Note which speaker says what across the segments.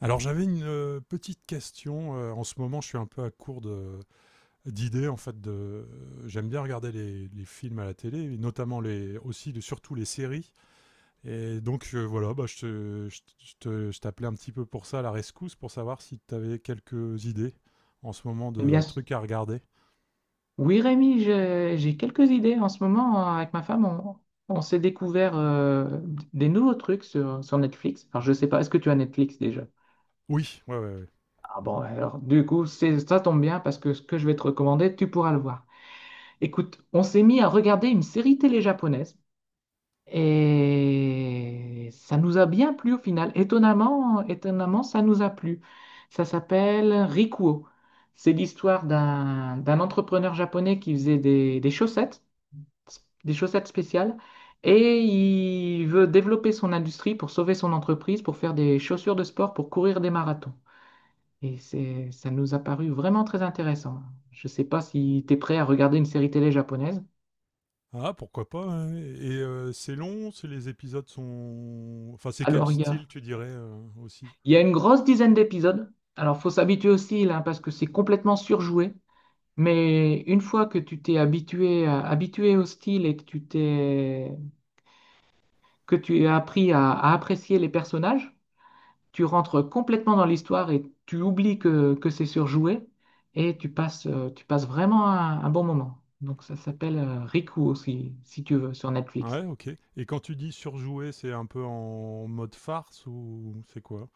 Speaker 1: Alors j'avais une petite question. En ce moment, je suis un peu d'idées en fait. J'aime bien regarder les films à la télé, et notamment surtout les séries. Et donc voilà, bah, je t'appelais un petit peu pour ça, à la rescousse, pour savoir si tu avais quelques idées en ce moment
Speaker 2: Eh bien,
Speaker 1: de trucs à regarder.
Speaker 2: oui, Rémi, j'ai quelques idées. En ce moment, avec ma femme, on s'est découvert des nouveaux trucs sur Netflix. Alors, je sais pas, est-ce que tu as Netflix déjà?
Speaker 1: Oui, ouais, ouais, ouais.
Speaker 2: Ah bon, alors, du coup, ça tombe bien parce que ce que je vais te recommander, tu pourras le voir. Écoute, on s'est mis à regarder une série télé japonaise et ça nous a bien plu au final. Étonnamment, étonnamment, ça nous a plu. Ça s'appelle Rikuo. C'est l'histoire d'un entrepreneur japonais qui faisait des chaussettes spéciales et il veut développer son industrie pour sauver son entreprise, pour faire des chaussures de sport, pour courir des marathons. Et ça nous a paru vraiment très intéressant. Je ne sais pas si tu es prêt à regarder une série télé japonaise.
Speaker 1: Ah, pourquoi pas, hein. Et, c'est long, c'est les épisodes sont... Enfin, c'est quel
Speaker 2: Alors, il y a,
Speaker 1: style tu dirais aussi?
Speaker 2: il y a une grosse dizaine d'épisodes. Alors, faut s'habituer aussi là, parce que c'est complètement surjoué. Mais une fois que tu t'es habitué au style et que que tu as appris à apprécier les personnages, tu rentres complètement dans l'histoire et tu oublies que c'est surjoué et tu passes vraiment un bon moment. Donc ça s'appelle Riku aussi, si tu veux, sur Netflix.
Speaker 1: Ouais, OK. Et quand tu dis surjouer, c'est un peu en mode farce ou c'est quoi?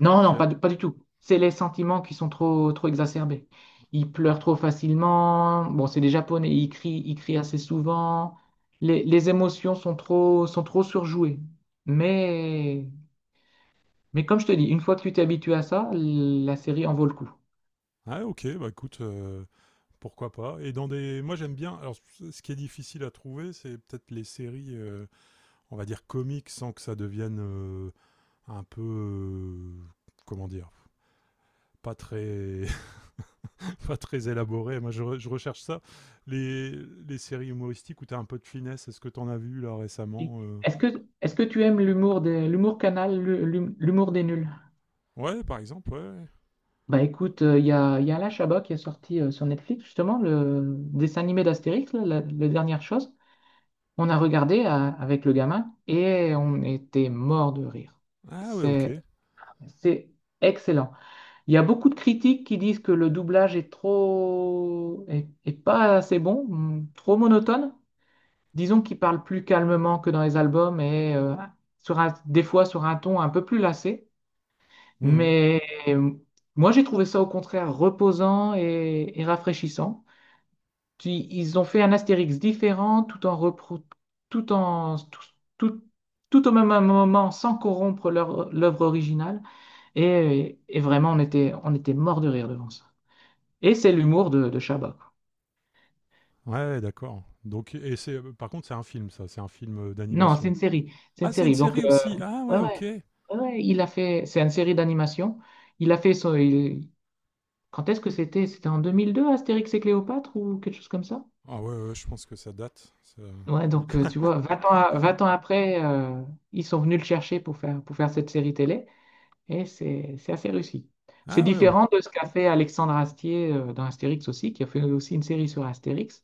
Speaker 2: Non, non,
Speaker 1: C'est
Speaker 2: pas du tout. C'est les sentiments qui sont trop, trop exacerbés. Ils pleurent trop facilement. Bon, c'est des Japonais, ils crient assez souvent. Les émotions sont trop surjouées. Mais, mais comme je te dis, une fois que tu t'es habitué à ça, la série en vaut le coup.
Speaker 1: Ah OK, bah écoute, pourquoi pas. Et dans des... moi j'aime bien. Alors ce qui est difficile à trouver, c'est peut-être les séries, on va dire comiques, sans que ça devienne, un peu, comment dire? Pas très pas très élaboré. Moi je recherche ça. Les séries humoristiques où t'as un peu de finesse, est-ce que t'en as vu là récemment,
Speaker 2: Est-ce que tu aimes l'humour Canal, l'humour des Nuls?
Speaker 1: Ouais, par exemple, ouais, ouais.
Speaker 2: Bah écoute, il y a Alain Chabat qui est sorti sur Netflix, justement, le dessin animé d'Astérix, là, la dernière chose. On a regardé avec le gamin et on était mort de rire.
Speaker 1: Ah ouais, OK.
Speaker 2: C'est, c'est excellent. Il y a beaucoup de critiques qui disent que le doublage est pas assez bon, trop monotone. Disons qu'il parle plus calmement que dans les albums et des fois sur un ton un peu plus lassé.
Speaker 1: Mmh.
Speaker 2: Mais euh, moi, j'ai trouvé ça au contraire reposant et rafraîchissant. Puis, ils ont fait un Astérix différent tout en repro- tout en tout, tout- tout au même moment sans corrompre l'œuvre originale. Et vraiment, on était mort de rire devant ça. Et c'est l'humour de Chabat, quoi.
Speaker 1: Ouais, d'accord. Donc et c'est... par contre, c'est un film, ça? C'est un film
Speaker 2: Non, c'est
Speaker 1: d'animation?
Speaker 2: une série. C'est une
Speaker 1: Ah, c'est une
Speaker 2: série. Donc,
Speaker 1: série aussi? Ah
Speaker 2: ouais, ouais,
Speaker 1: ouais, OK.
Speaker 2: ouais, ouais, c'est une série d'animation. Il a fait son, il- Quand est-ce que c'était? C'était en 2002 Astérix et Cléopâtre ou quelque chose comme ça?
Speaker 1: Ah ouais, ouais, je pense que ça date, ça.
Speaker 2: Ouais, donc tu vois, 20 ans après, ils sont venus le chercher pour faire cette série télé et c'est assez réussi. C'est
Speaker 1: Ah ouais, OK.
Speaker 2: différent de ce qu'a fait Alexandre Astier dans Astérix aussi, qui a fait aussi une série sur Astérix.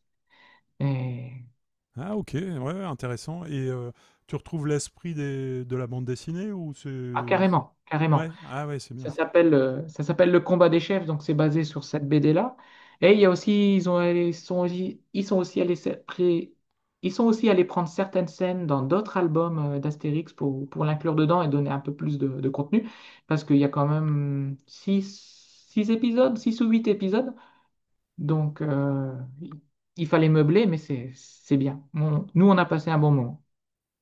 Speaker 2: Et...
Speaker 1: Ah OK, ouais, ouais, intéressant. Et tu retrouves l'esprit des de la bande dessinée, ou
Speaker 2: Ah,
Speaker 1: c'est
Speaker 2: carrément, carrément.
Speaker 1: ouais, ah ouais, c'est
Speaker 2: Ça
Speaker 1: bien, ça.
Speaker 2: s'appelle euh, ça s'appelle Le Combat des Chefs, donc c'est basé sur cette BD-là. Et il y a aussi, ils ont, ils sont, aussi- ils sont aussi allés prendre certaines scènes dans d'autres albums d'Astérix pour l'inclure dedans et donner un peu plus de contenu, parce qu'il y a quand même six épisodes, six ou huit épisodes. Donc, il il fallait meubler, mais c'est bien. Nous, on a passé un bon moment.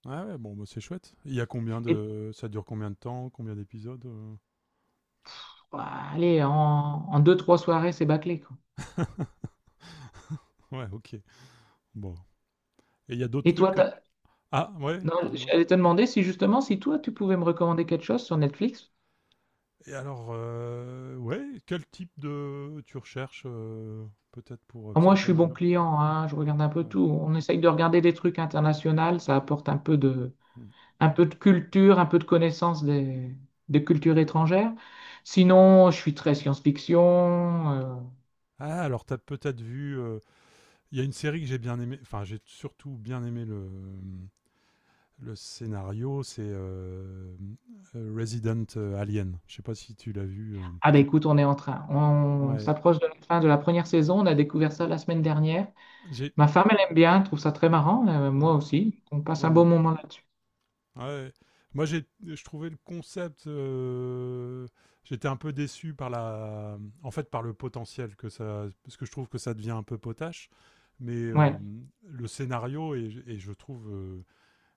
Speaker 1: Ah ouais, bon, bah, c'est chouette. Il y a combien
Speaker 2: Et
Speaker 1: de... ça dure combien de temps? Combien d'épisodes,
Speaker 2: bah, allez, en deux, trois soirées, c'est bâclé, quoi.
Speaker 1: Ouais, OK. Bon, et il y a d'autres
Speaker 2: Et
Speaker 1: trucs
Speaker 2: toi.
Speaker 1: que... Ah ouais?
Speaker 2: Non,
Speaker 1: Dis-moi.
Speaker 2: j'allais te demander si justement, si toi, tu pouvais me recommander quelque chose sur Netflix.
Speaker 1: Et alors, ouais, quel type de... tu recherches peut-être, pour euh...
Speaker 2: Alors,
Speaker 1: parce
Speaker 2: moi,
Speaker 1: qu'il y a
Speaker 2: je
Speaker 1: pas
Speaker 2: suis
Speaker 1: mal
Speaker 2: bon
Speaker 1: de...
Speaker 2: client, hein, je regarde un peu
Speaker 1: Ouais.
Speaker 2: tout. On essaye de regarder des trucs internationaux, ça apporte un peu de,
Speaker 1: Hmm.
Speaker 2: un peu de culture, un peu de connaissance des cultures étrangères. Sinon, je suis très science-fiction. euh.
Speaker 1: Ah, alors t'as peut-être vu, il y a une série que j'ai bien aimé. Enfin, j'ai surtout bien aimé le scénario. C'est Resident Alien. Je sais pas si tu l'as vu,
Speaker 2: Ah bah écoute, on est en train, on
Speaker 1: Ouais.
Speaker 2: s'approche de la fin de la première saison, on a découvert ça la semaine dernière.
Speaker 1: J'ai...
Speaker 2: Ma femme, elle aime bien, elle trouve ça très marrant, moi aussi. On passe un beau
Speaker 1: Mhm.
Speaker 2: moment là-dessus.
Speaker 1: Ouais. Moi, je trouvais le concept, j'étais un peu déçu par la... en fait, par le potentiel que ça... parce que je trouve que ça devient un peu potache. Mais
Speaker 2: Ouais.
Speaker 1: Mm, le scénario est... et je trouve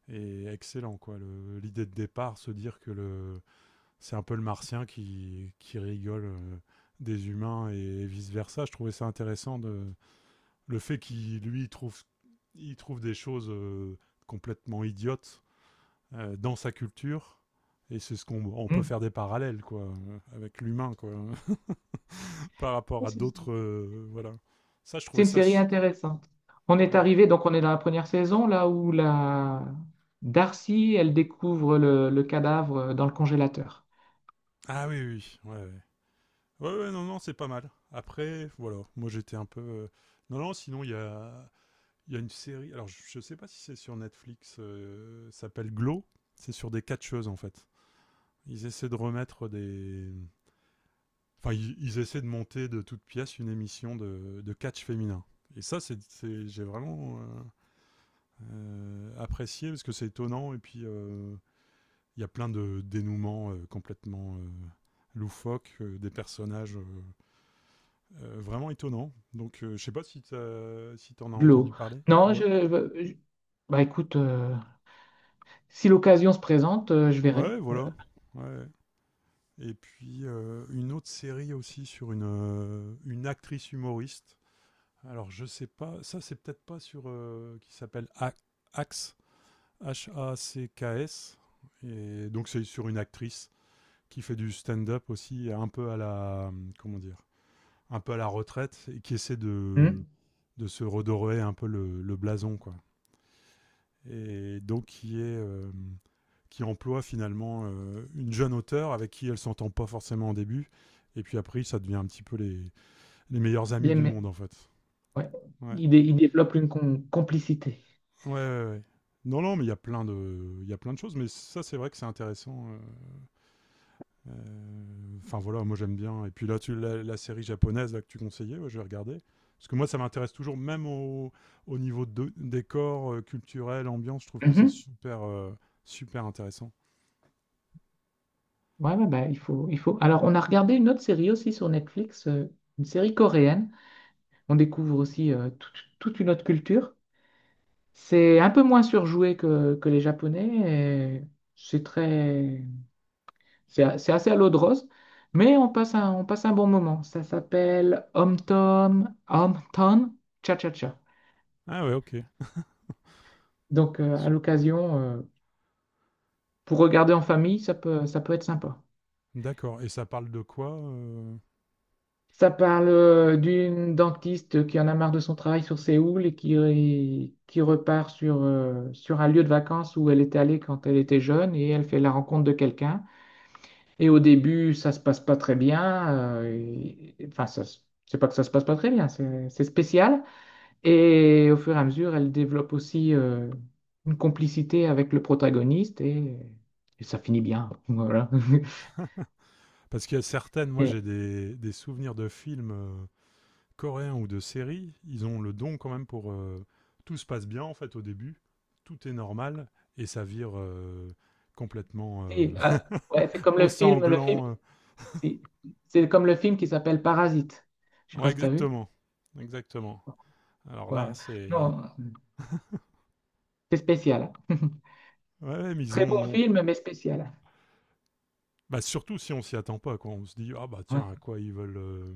Speaker 1: est excellent, quoi. L'idée de départ, se dire que le... c'est un peu le martien qui rigole des humains et vice versa. Je trouvais ça intéressant, de le fait qu'il lui il trouve... il trouve des choses complètement idiotes dans sa culture. Et c'est... ce qu'on on peut faire des parallèles, quoi, avec l'humain, quoi, par rapport à
Speaker 2: Hmm.
Speaker 1: d'autres, voilà. Ça, je
Speaker 2: C'est
Speaker 1: trouvais
Speaker 2: une
Speaker 1: ça
Speaker 2: série intéressante. On est
Speaker 1: ouais.
Speaker 2: arrivé, donc on est dans la première saison, là où la Darcy, elle découvre le cadavre dans le congélateur.
Speaker 1: Ah oui, oui, oui, ouais, ouais. Ouais, ouais, non, non, c'est pas mal. Après, voilà. Moi, j'étais un peu, non, non. Sinon, il y a une série. Alors, je sais pas si c'est sur Netflix, ça s'appelle Glow. C'est sur des catcheuses, en fait. Ils essaient de remettre des, Enfin, ils essaient de monter de toutes pièces une émission de catch féminin. Et ça, c'est... j'ai vraiment apprécié parce que c'est étonnant. Et puis, il y a plein de dénouements complètement loufoques, des personnages vraiment étonnants. Donc, je sais pas si si t'en as
Speaker 2: De
Speaker 1: entendu
Speaker 2: l'eau.
Speaker 1: parler.
Speaker 2: Non,
Speaker 1: Ouais.
Speaker 2: je- bah écoute, si l'occasion se présente, je verrai.
Speaker 1: Ouais, voilà. Ouais. Et puis, une autre série aussi sur une actrice humoriste. Alors, je sais pas. Ça, c'est peut-être pas sur, qui s'appelle Axe. H-A-C-K-S. Et donc, c'est sur une actrice qui fait du stand-up aussi, un peu à la... comment dire... un peu à la retraite, et qui essaie
Speaker 2: Hmm.
Speaker 1: de se redorer un peu le blason, quoi. Et donc, qui est, qui emploie finalement une jeune auteure avec qui elle s'entend pas forcément au début. Et puis après, ça devient un petit peu les meilleurs amis
Speaker 2: Bien,
Speaker 1: du
Speaker 2: mais
Speaker 1: monde, en fait.
Speaker 2: ouais,
Speaker 1: Ouais.
Speaker 2: il développe une complicité.
Speaker 1: Ouais, ouais, ouais. Non, non, mais il y a plein de... il y a plein de choses, mais ça, c'est vrai que c'est intéressant, enfin voilà, moi j'aime bien. Et puis là, la série japonaise là, que tu conseillais, ouais, je vais regarder. Parce que moi, ça m'intéresse toujours, au niveau de décor, culturel, ambiance, je trouve que c'est
Speaker 2: Mhm.
Speaker 1: super, super intéressant.
Speaker 2: Ouais, ouais, bah, il faut. Alors, on a regardé une autre série aussi sur Netflix, une série coréenne. On découvre aussi toute une autre culture. C'est un peu moins surjoué que les Japonais et C'est très, c'est a- c'est assez à l'eau de rose, mais on passe un bon moment. Ça s'appelle Hometown, Hometown Cha-Cha-Cha.
Speaker 1: Ah ouais, ok.
Speaker 2: Donc, à l'occasion, pour regarder en famille, ça peut être sympa.
Speaker 1: D'accord. Et ça parle de quoi,
Speaker 2: Ça parle d'une dentiste qui en a marre de son travail sur Séoul et qui repart sur un lieu de vacances où elle était allée quand elle était jeune et elle fait la rencontre de quelqu'un. Et au début, ça se passe pas très bien. Enfin, c'est pas que ça se passe pas très bien, c'est spécial. Et au fur et à mesure, elle développe aussi une complicité avec le protagoniste et ça finit bien. Voilà.
Speaker 1: Parce qu'il y a certaines... moi
Speaker 2: Et,
Speaker 1: j'ai des souvenirs de films, coréens, ou de séries. Ils ont le don quand même pour... tout se passe bien, en fait, au début, tout est normal, et ça vire complètement
Speaker 2: et, euh, ouais,
Speaker 1: au sanglant,
Speaker 2: si, c'est comme le film qui s'appelle Parasite. Je sais pas
Speaker 1: Ouais,
Speaker 2: si t'as vu.
Speaker 1: exactement. Exactement. Alors là,
Speaker 2: Voilà.
Speaker 1: c'est...
Speaker 2: Non, c'est spécial.
Speaker 1: Ouais, ouais, mais ils
Speaker 2: Très bon
Speaker 1: ont...
Speaker 2: film, mais spécial.
Speaker 1: Bah, surtout si on s'y attend pas, quoi. On se dit, ah bah
Speaker 2: Ouais.
Speaker 1: tiens, à quoi ils veulent...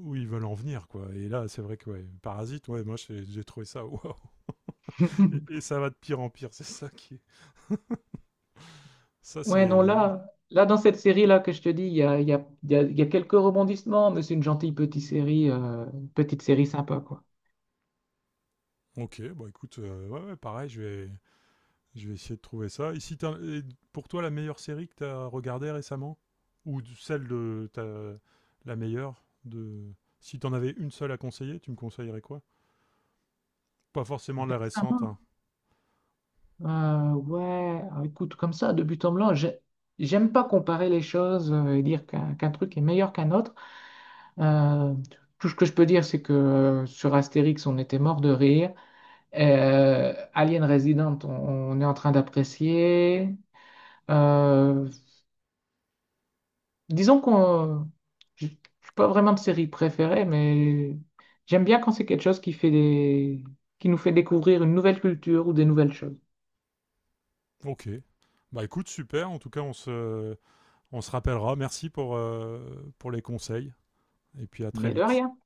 Speaker 1: où ils veulent en venir, quoi. Et là, c'est vrai que, ouais, Parasite, ouais, moi j'ai trouvé ça, waouh. Et ça va de pire en pire, c'est ça qui... est- ça,
Speaker 2: Ouais, non,
Speaker 1: c'est...
Speaker 2: là dans cette série-là que je te dis, il y a, il y a, il y a- il y a quelques rebondissements, mais c'est une gentille petite série sympa, quoi.
Speaker 1: Ok, bah écoute, ouais, ouais, pareil, je vais... je vais essayer de trouver ça. Ici, et pour toi, la meilleure série que tu as regardée récemment? Ou la meilleure de... si tu en avais une seule à conseiller, tu me conseillerais quoi? Pas forcément la récente,
Speaker 2: Récemment,
Speaker 1: hein.
Speaker 2: ouais, ah, écoute, comme ça, de but en blanc, j'aime pas comparer les choses et dire qu'un truc est meilleur qu'un autre. Euh, tout ce que je peux dire, c'est que sur Astérix, on était mort de rire. Alien Resident, on est en train d'apprécier. Euh, disons je suis pas vraiment de série préférée, mais j'aime bien quand c'est quelque chose qui nous fait découvrir une nouvelle culture ou des nouvelles choses.
Speaker 1: Ok. Bah écoute, super. En tout cas, on se rappellera. Merci pour les conseils. Et puis à très
Speaker 2: Mais de
Speaker 1: vite.
Speaker 2: rien.